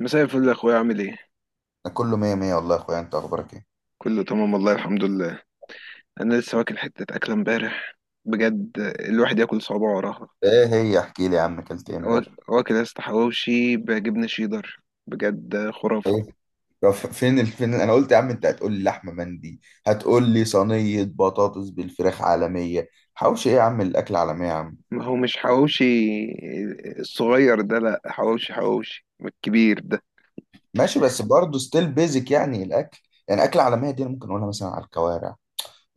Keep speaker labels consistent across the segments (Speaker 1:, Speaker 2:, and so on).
Speaker 1: مساء الفل يا اخويا، عامل ايه؟
Speaker 2: أنا كله مية مية والله يا اخويا، انت اخبارك ايه؟
Speaker 1: كله تمام والله الحمد لله. انا لسه واكل حته اكله امبارح. بجد الواحد ياكل صوابعه وراها.
Speaker 2: ايه هي؟ احكي لي يا عم اكلت ايه
Speaker 1: وا-
Speaker 2: امبارح؟
Speaker 1: واكل يا اسطى حواوشي بجبنه شيدر. بجد خرافه.
Speaker 2: طيب، فين فين؟ انا قلت يا عم انت هتقول لي لحمه مندي، هتقول لي صينيه بطاطس بالفراخ عالميه. حوش ايه يا عم؟ الاكل عالميه يا عم.
Speaker 1: ما هو مش حواوشي الصغير ده، لا، حواوشي حواوشي الكبير ده.
Speaker 2: ماشي بس برضه ستيل بيزك يعني الاكل. يعني اكل عالميه دي انا ممكن اقولها مثلا على الكوارع،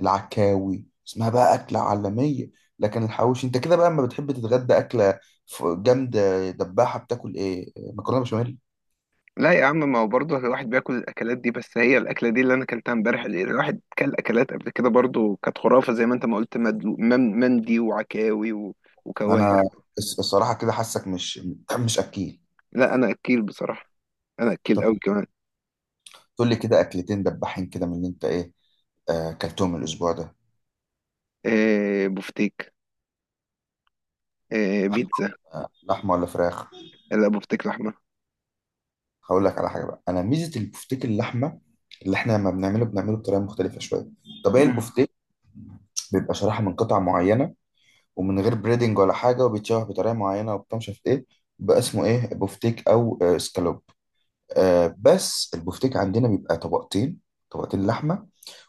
Speaker 2: العكاوي اسمها بقى اكله عالميه. لكن الحوش انت كده بقى لما بتحب تتغدى اكله جامده دباحه، بتاكل ايه؟ مكرونه بشاميل.
Speaker 1: لا يا عم، ما هو برضه الواحد بياكل الاكلات دي، بس هي الاكله دي اللي انا اكلتها امبارح. اللي الواحد كل اكلات قبل كده برضه كانت خرافه، زي ما انت ما قلت، مندي وعكاوي وكوارع.
Speaker 2: انا الصراحه كده حاسك مش مش اكيل.
Speaker 1: لا، انا اكيل بصراحه. انا اكيل
Speaker 2: طب
Speaker 1: قوي كمان.
Speaker 2: تقول لي كده اكلتين دباحين كده من اللي انت ايه؟ اكلتهم الاسبوع ده.
Speaker 1: إيه، بفتيك. إيه، بيتزا.
Speaker 2: لحمه ولا فراخ؟
Speaker 1: لا، بفتيك لحمة.
Speaker 2: هقول لك على حاجه بقى. انا ميزه البفتيك اللحمه اللي احنا لما بنعمله بنعمله بطريقه مختلفه شويه. طبيعي
Speaker 1: مم.
Speaker 2: البفتيك بيبقى شرايح من قطع معينه ومن غير بريدنج ولا حاجه، وبيتشوح بطريقه معينه وبتاع، مش عارف ايه، بقى اسمه ايه، بفتيك او اسكالوب. بس البفتيك عندنا بيبقى طبقتين، طبقتين لحمه،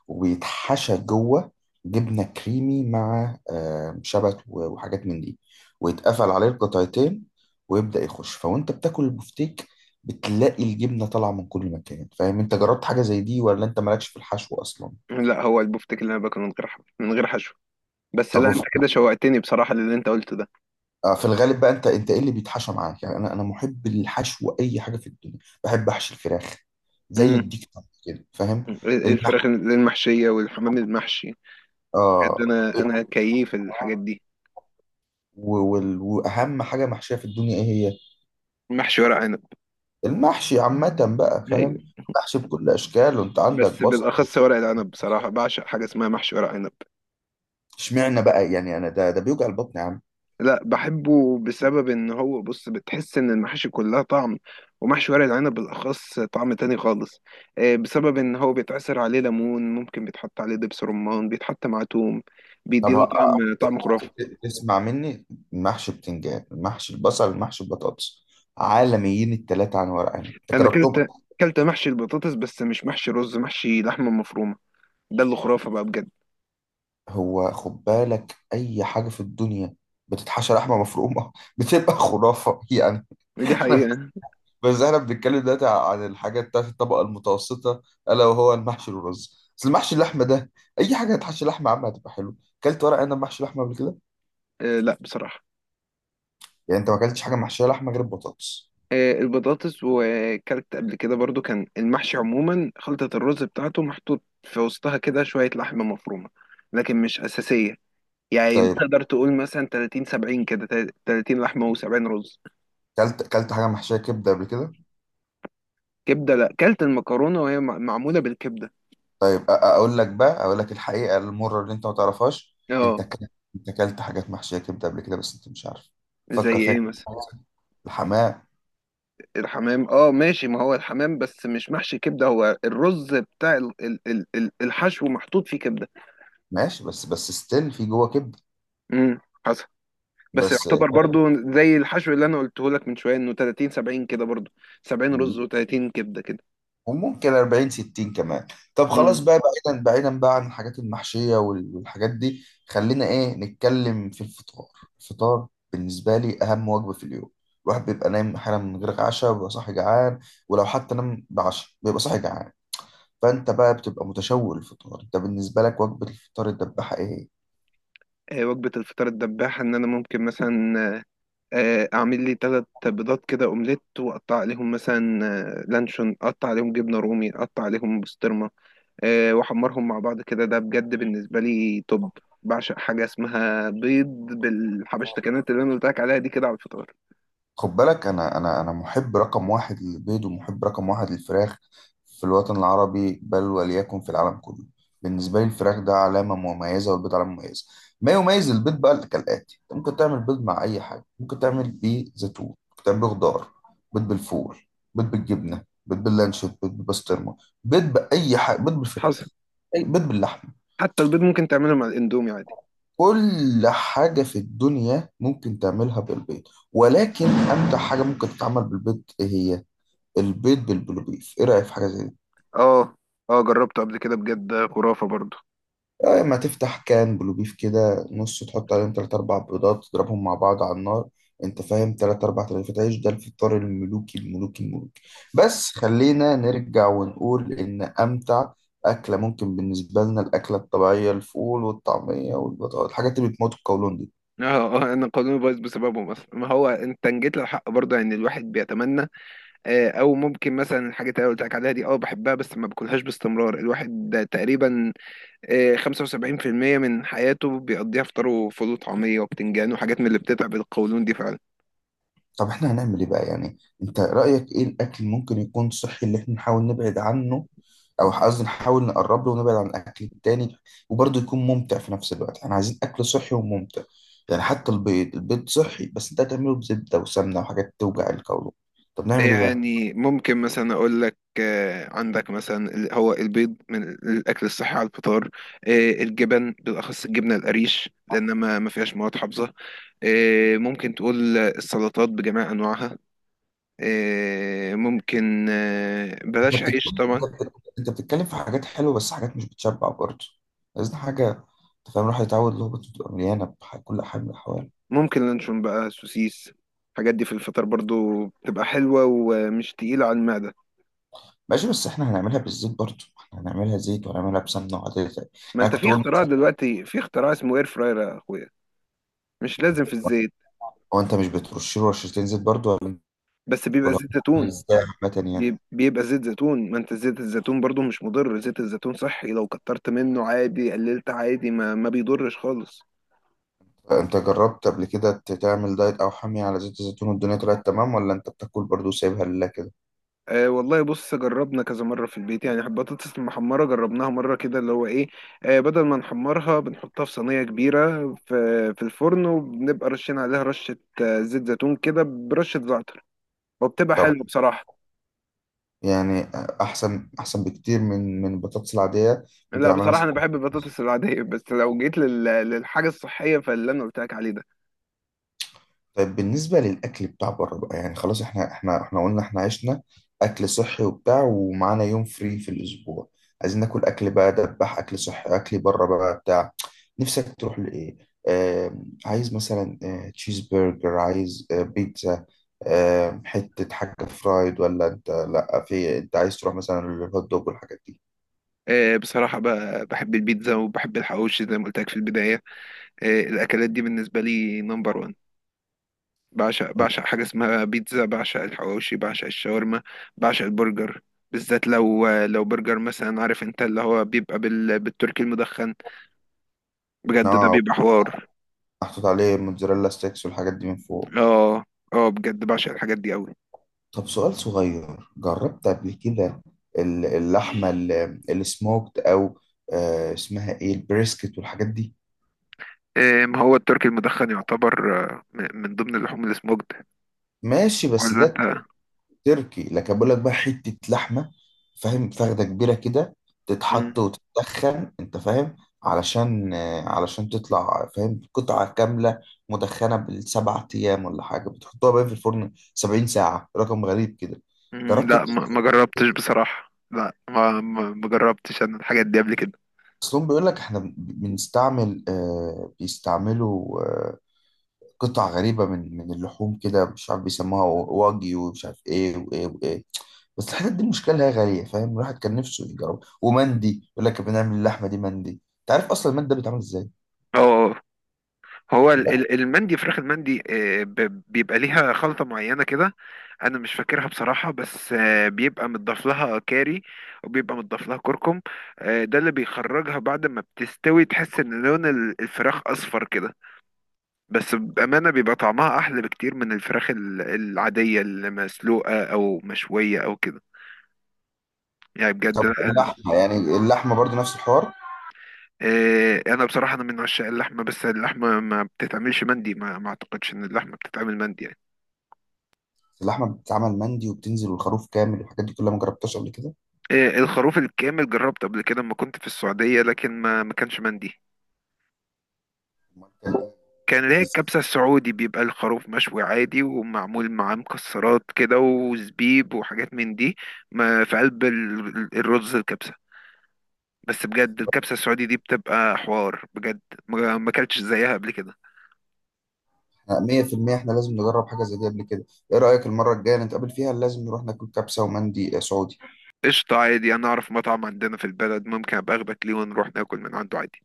Speaker 2: ويتحشى جوه جبنة كريمي مع شبت وحاجات من دي، ويتقفل عليه القطعتين، ويبدأ يخش. فوانت بتاكل البفتيك بتلاقي الجبنة طالعة من كل مكان. فاهم؟ انت جربت حاجة زي دي ولا انت مالكش في الحشو اصلا؟
Speaker 1: لا، هو البفتيك اللي انا باكله من غير من غير حشو. بس
Speaker 2: طب
Speaker 1: لا، انت كده
Speaker 2: وف-
Speaker 1: شوقتني بصراحة للي انت قلته ده.
Speaker 2: في الغالب بقى انت ايه اللي بيتحشى معاك؟ يعني انا محب الحشو، اي حاجة في الدنيا. بحب احشي الفراخ، زي
Speaker 1: مم.
Speaker 2: الديك طبعاً، كده فاهم؟
Speaker 1: إيه، الفراخ
Speaker 2: النح-
Speaker 1: المحشية والحمام المحشي. بجد
Speaker 2: اه،
Speaker 1: انا كيف الحاجات دي.
Speaker 2: واهم حاجة محشية في الدنيا ايه هي؟
Speaker 1: محشي ورق عنب.
Speaker 2: المحشي عامة بقى،
Speaker 1: ايوه.
Speaker 2: فاهم؟ محشي بكل أشكاله، أنت
Speaker 1: بس
Speaker 2: عندك بصل
Speaker 1: بالاخص ورق العنب،
Speaker 2: وفلفل.
Speaker 1: بصراحة بعشق حاجة اسمها محشي ورق عنب.
Speaker 2: اشمعنى بقى؟ يعني أنا ده بيوجع البطن يا عم.
Speaker 1: لا، بحبه بسبب ان هو، بص، بتحس ان المحاشي كلها طعم، ومحشي ورق العنب بالاخص طعم تاني خالص. بسبب ان هو بيتعصر عليه ليمون، ممكن بيتحط عليه دبس رمان، بيتحط مع توم،
Speaker 2: طب
Speaker 1: بيديله
Speaker 2: ه-
Speaker 1: طعم طعم خرافي.
Speaker 2: تسمع مني، محشي بتنجان، محشي البصل، محشي البطاطس، عالميين التلاتة عن ورق عنب. أنت
Speaker 1: انا
Speaker 2: جربتهم؟
Speaker 1: كلت محشي البطاطس، بس مش محشي رز، محشي لحمه مفرومه. ده اللي خرافه بقى، بجد.
Speaker 2: هو خد بالك، أي حاجة في الدنيا بتتحشى لحمة مفرومة بتبقى خرافة يعني.
Speaker 1: دي حقيقه.
Speaker 2: بس احنا بنتكلم دلوقتي عن الحاجات بتاعت الطبقة المتوسطة، ألا وهو المحشي والرز. بس المحشي اللحمة ده، أي حاجة هتحشي لحمة عامة هتبقى حلو. كلت ورق عنب محشي لحمة قبل كده؟
Speaker 1: آه، لا بصراحه.
Speaker 2: يعني أنت ما كلتش حاجة محشية لحمة غير البطاطس؟
Speaker 1: آه، البطاطس، وكلت قبل كده برضو كان المحشي عموما خلطة الرز بتاعته محطوط في وسطها كده شوية لحمة مفرومة، لكن مش أساسية. يعني
Speaker 2: طيب،
Speaker 1: تقدر تقول مثلا 30 70 كده، 30 لحمة و70 رز.
Speaker 2: كلت كلت حاجة محشية كبدة قبل كده؟
Speaker 1: كبدة، لا، كلت المكرونة وهي معمولة بالكبدة.
Speaker 2: طيب أقول لك بقى، أقول لك الحقيقة المرة اللي أنت ما تعرفهاش.
Speaker 1: اه.
Speaker 2: أنت كلت، أنت كلت حاجات محشية كبدة قبل كده بس أنت مش عارف.
Speaker 1: زي
Speaker 2: فكر فيها
Speaker 1: ايه
Speaker 2: كده.
Speaker 1: مثلا؟
Speaker 2: الحمام.
Speaker 1: الحمام، اه، ماشي. ما هو الحمام بس مش محشي كبدة، هو الرز بتاع الحشو محطوط فيه كبدة.
Speaker 2: ماشي بس ستيل في جوه كبدة.
Speaker 1: امم بس
Speaker 2: بس.
Speaker 1: يعتبر برضو. زي الحشو اللي انا قلته لك من شويه انه 30 70 كده برضو، 70 رز و30 كبده كده.
Speaker 2: وممكن 40 60 كمان. طب خلاص
Speaker 1: مم.
Speaker 2: بقى. بعيدا بعيدا بقى عن الحاجات المحشية والحاجات دي، خلينا ايه نتكلم في الفطار. الفطار بالنسبة لي أهم وجبة في اليوم. الواحد بيبقى نايم أحيانا من غير عشاء وبيبقى صاحي جعان. ولو حتى نام بعشاء بيبقى صاحي جعان. فأنت بقى بتبقى متشوق للفطار. أنت بالنسبة لك وجبة الفطار الدباحة إيه؟
Speaker 1: وجبه الفطار الدباحه ان ممكن مثلا اعمل لي ثلاث بيضات كده اومليت، واقطع عليهم مثلا لانشون، اقطع عليهم جبنه رومي، اقطع عليهم بسطرمه، واحمرهم مع بعض كده. ده بجد بالنسبه لي توب. بعشق حاجه اسمها بيض بالحبشتكنات اللي انا قلت لك عليها دي كده على الفطار.
Speaker 2: خد بالك، انا محب رقم واحد للبيض ومحب رقم واحد للفراخ في الوطن العربي، بل وليكن في العالم كله. بالنسبه لي الفراخ ده علامه مميزه والبيض علامه مميزه. ما يميز البيض بقى كالاتي: انت ممكن تعمل بيض مع اي حاجه، ممكن تعمل بيه زيتون، ممكن تعمل بيه خضار، بيض بالفول، بيض بالجبنه، بيض باللانشون، بيض بالبسطرمه، بيض باي حاجه، بيض
Speaker 1: حصل.
Speaker 2: بالفراخ، أي بيض باللحمه.
Speaker 1: حتى البيض ممكن تعمله مع الاندومي عادي.
Speaker 2: كل حاجه في الدنيا ممكن تعملها بالبيض، ولكن امتع حاجه ممكن تتعمل بالبيض ايه هي؟ البيض بالبلو بيف. ايه رأيك في حاجة زي دي؟
Speaker 1: اه. اه، جربته قبل كده، بجد خرافة برضه.
Speaker 2: اما تفتح كان بلو بيف كده نص، تحط عليهم تلات اربع بيضات تضربهم مع بعض على النار، انت فاهم، تلات اربع رغيفات عيش. ده الفطار الملوكي الملوكي الملوكي. بس خلينا نرجع ونقول ان امتع اكلة ممكن بالنسبة لنا، الاكلة الطبيعية، الفول والطعمية والبطاطا، الحاجات اللي بتموت القولون دي.
Speaker 1: اه، انا قانوني بايظ بسببه مثلا، ما هو انت جيت للحق برضه، يعني الواحد بيتمنى. او ممكن مثلا الحاجات اللي أنا قلت لك عليها دي، اه بحبها، بس ما باكلهاش باستمرار. الواحد ده تقريبا 75% من حياته بيقضيها فطار وفول وطعميه وبتنجان وحاجات من اللي بتتعب القولون دي فعلا.
Speaker 2: طب احنا هنعمل ايه بقى يعني؟ انت رأيك ايه؟ الاكل ممكن يكون صحي اللي احنا نحاول نبعد عنه، او قصدي نحاول نقرب له ونبعد عن الاكل التاني، وبرضه يكون ممتع في نفس الوقت. احنا عايزين اكل صحي وممتع. يعني حتى البيض، البيض صحي بس انت هتعمله بزبده وسمنه وحاجات توجع القولون. طب نعمل ايه بقى؟
Speaker 1: يعني ممكن مثلا اقول لك، عندك مثلا هو البيض من الاكل الصحي على الفطار، الجبن بالاخص الجبنه القريش لان ما فيهاش مواد حافظه، ممكن تقول السلطات بجميع انواعها، ممكن
Speaker 2: انت
Speaker 1: بلاش عيش
Speaker 2: بتتكلم انت
Speaker 1: طبعا.
Speaker 2: بتتكلم انت بتتكلم في حاجات حلوه بس حاجات مش بتشبع برضه. عايزين حاجه، انت فاهم، الواحد يتعود اللي هو بتبقى مليانه بكل حاجه من الحوال.
Speaker 1: ممكن لانشون بقى، سوسيس. الحاجات دي في الفطار برضو بتبقى حلوه ومش تقيله على المعده.
Speaker 2: ماشي بس احنا هنعملها بالزيت برضه، احنا هنعملها زيت وهنعملها بسمنه وعادي.
Speaker 1: ما
Speaker 2: انا
Speaker 1: انت
Speaker 2: كنت
Speaker 1: في
Speaker 2: بقول
Speaker 1: اختراع
Speaker 2: مثلا،
Speaker 1: دلوقتي، في اختراع اسمه اير فراير يا اخويا، مش لازم في الزيت.
Speaker 2: هو انت مش بترش له رشتين زيت برضه ولا؟
Speaker 1: بس بيبقى
Speaker 2: ولا هو
Speaker 1: زيت
Speaker 2: بيتعمل
Speaker 1: زيتون.
Speaker 2: ازاي عامه يعني؟
Speaker 1: بيبقى زيت زيتون. ما انت زيت الزيتون برضو مش مضر، زيت الزيتون صحي. لو كترت منه عادي، قللت عادي، ما بيضرش خالص.
Speaker 2: انت جربت قبل كده تعمل دايت او حمية على زيت الزيتون والدنيا طلعت تمام، ولا انت بتاكل برضو سايبها لله كده؟
Speaker 1: آه والله، بص، جربنا كذا مرة في البيت يعني. البطاطس المحمرة جربناها مرة كده، اللي هو ايه، بدل ما نحمرها بنحطها في صينية كبيرة في الفرن، وبنبقى رشين عليها رشة زيت زيتون كده برشة زعتر، وبتبقى
Speaker 2: طب
Speaker 1: حلوة بصراحة.
Speaker 2: يعني احسن احسن بكتير من البطاطس العادية. ممكن
Speaker 1: لا،
Speaker 2: اعملها
Speaker 1: بصراحة
Speaker 2: مثلا.
Speaker 1: أنا بحب البطاطس العادية، بس لو جيت للحاجة الصحية فاللي أنا قلت لك عليه ده.
Speaker 2: طيب بالنسبة للاكل بتاع بره بقى، يعني خلاص، احنا قلنا احنا عشنا اكل صحي وبتاع، ومعانا يوم فري في الاسبوع. عايزين ناكل اكل بقى دبح، اكل صحي، اكل بره بقى بتاع. نفسك تروح لايه؟ آه، عايز مثلا آه تشيز برجر، عايز آه بيتزا، حتة حاجة فرايد، ولا انت لا، في انت عايز تروح مثلا للهوت دوج والحاجات دي؟
Speaker 1: بصراحة بحب البيتزا وبحب الحواوشي زي ما قلت لك في البداية. الأكلات دي بالنسبة لي نمبر وان. بعشق حاجة اسمها بيتزا، بعشق الحواوشي، بعشق الشاورما، بعشق البرجر. بالذات لو برجر مثلا، عارف انت اللي هو بيبقى بالتركي المدخن. بجد ده
Speaker 2: نوع
Speaker 1: بيبقى حوار.
Speaker 2: محطوط عليه موتزاريلا ستيكس والحاجات دي من فوق.
Speaker 1: اه. اه بجد، بعشق الحاجات دي قوي.
Speaker 2: طب سؤال صغير، جربت قبل كده اللحمة السموكت او اسمها ايه، البريسكت والحاجات دي؟
Speaker 1: ما هو التركي المدخن يعتبر من ضمن اللحوم السموكد،
Speaker 2: ماشي بس
Speaker 1: ولا
Speaker 2: ده
Speaker 1: انت؟
Speaker 2: تركي. لكن بقول لك بقى، حتة لحمة، فاهم، فخدة كبيرة كده، تتحط وتتدخن، انت فاهم، علشان علشان تطلع، فاهم، قطعة كاملة مدخنة بالسبع ايام، ولا حاجة بتحطوها بقى في الفرن 70 ساعة، رقم غريب كده.
Speaker 1: مم،
Speaker 2: جربت؟
Speaker 1: لا ما جربتش بصراحة، لا ما جربتش انا الحاجات دي قبل كده.
Speaker 2: اصلهم بيقول لك احنا بنستعمل آه، بيستعملوا آه، قطع غريبة من اللحوم كده، مش عارف بيسموها واجي ومش عارف ايه وايه وايه. بس الحتت دي المشكله اللي هي غاليه، فاهم، الواحد كان نفسه يجرب. ومندي يقول لك بنعمل اللحمه دي مندي. انت عارف اصلا المندي ده بيتعمل ازاي؟
Speaker 1: اه. هو
Speaker 2: يقول لك.
Speaker 1: المندي، فراخ المندي بيبقى ليها خلطة معينة كده. انا مش فاكرها بصراحة، بس بيبقى متضاف لها كاري، وبيبقى متضاف لها كركم. ده اللي بيخرجها بعد ما بتستوي، تحس ان لون الفراخ اصفر كده. بس بأمانة بيبقى طعمها احلى بكتير من الفراخ العادية المسلوقة او مشوية او كده، يعني بجد.
Speaker 2: طب اللحمه يعني اللحمه برضو نفس الحوار؟
Speaker 1: إيه، انا بصراحه انا من عشاق اللحمه، بس اللحمه ما بتتعملش مندي، ما اعتقدش ان اللحمه بتتعمل مندي يعني.
Speaker 2: اللحمه بتتعمل مندي وبتنزل والخروف كامل والحاجات دي كلها، ما جربتهاش قبل كده؟
Speaker 1: إيه، الخروف الكامل جربته قبل كده لما كنت في السعوديه، لكن ما كانش مندي.
Speaker 2: أمال كان إيه؟
Speaker 1: كان اللي هي الكبسه السعودي، بيبقى الخروف مشوي عادي ومعمول معاه مكسرات كده وزبيب وحاجات من دي، ما في قلب الرز الكبسه. بس بجد الكبسه السعودي دي بتبقى حوار بجد، ما اكلتش زيها قبل كده.
Speaker 2: احنا 100% احنا لازم نجرب حاجه زي دي قبل كده. ايه رايك المره الجايه نتقابل فيها لازم نروح ناكل كبسه ومندي سعودي.
Speaker 1: قشطه عادي، انا اعرف مطعم عندنا في البلد ممكن ابقى اخدك ليه ونروح ناكل من عنده عادي.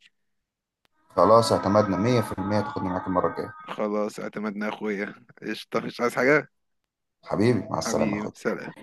Speaker 2: خلاص، اعتمدنا 100%، تاخدني معاك المره الجايه.
Speaker 1: خلاص اعتمدنا يا اخويا. قشطة، مش عايز حاجة.
Speaker 2: حبيبي مع السلامه يا
Speaker 1: حبيبي
Speaker 2: أخويا.
Speaker 1: سلام.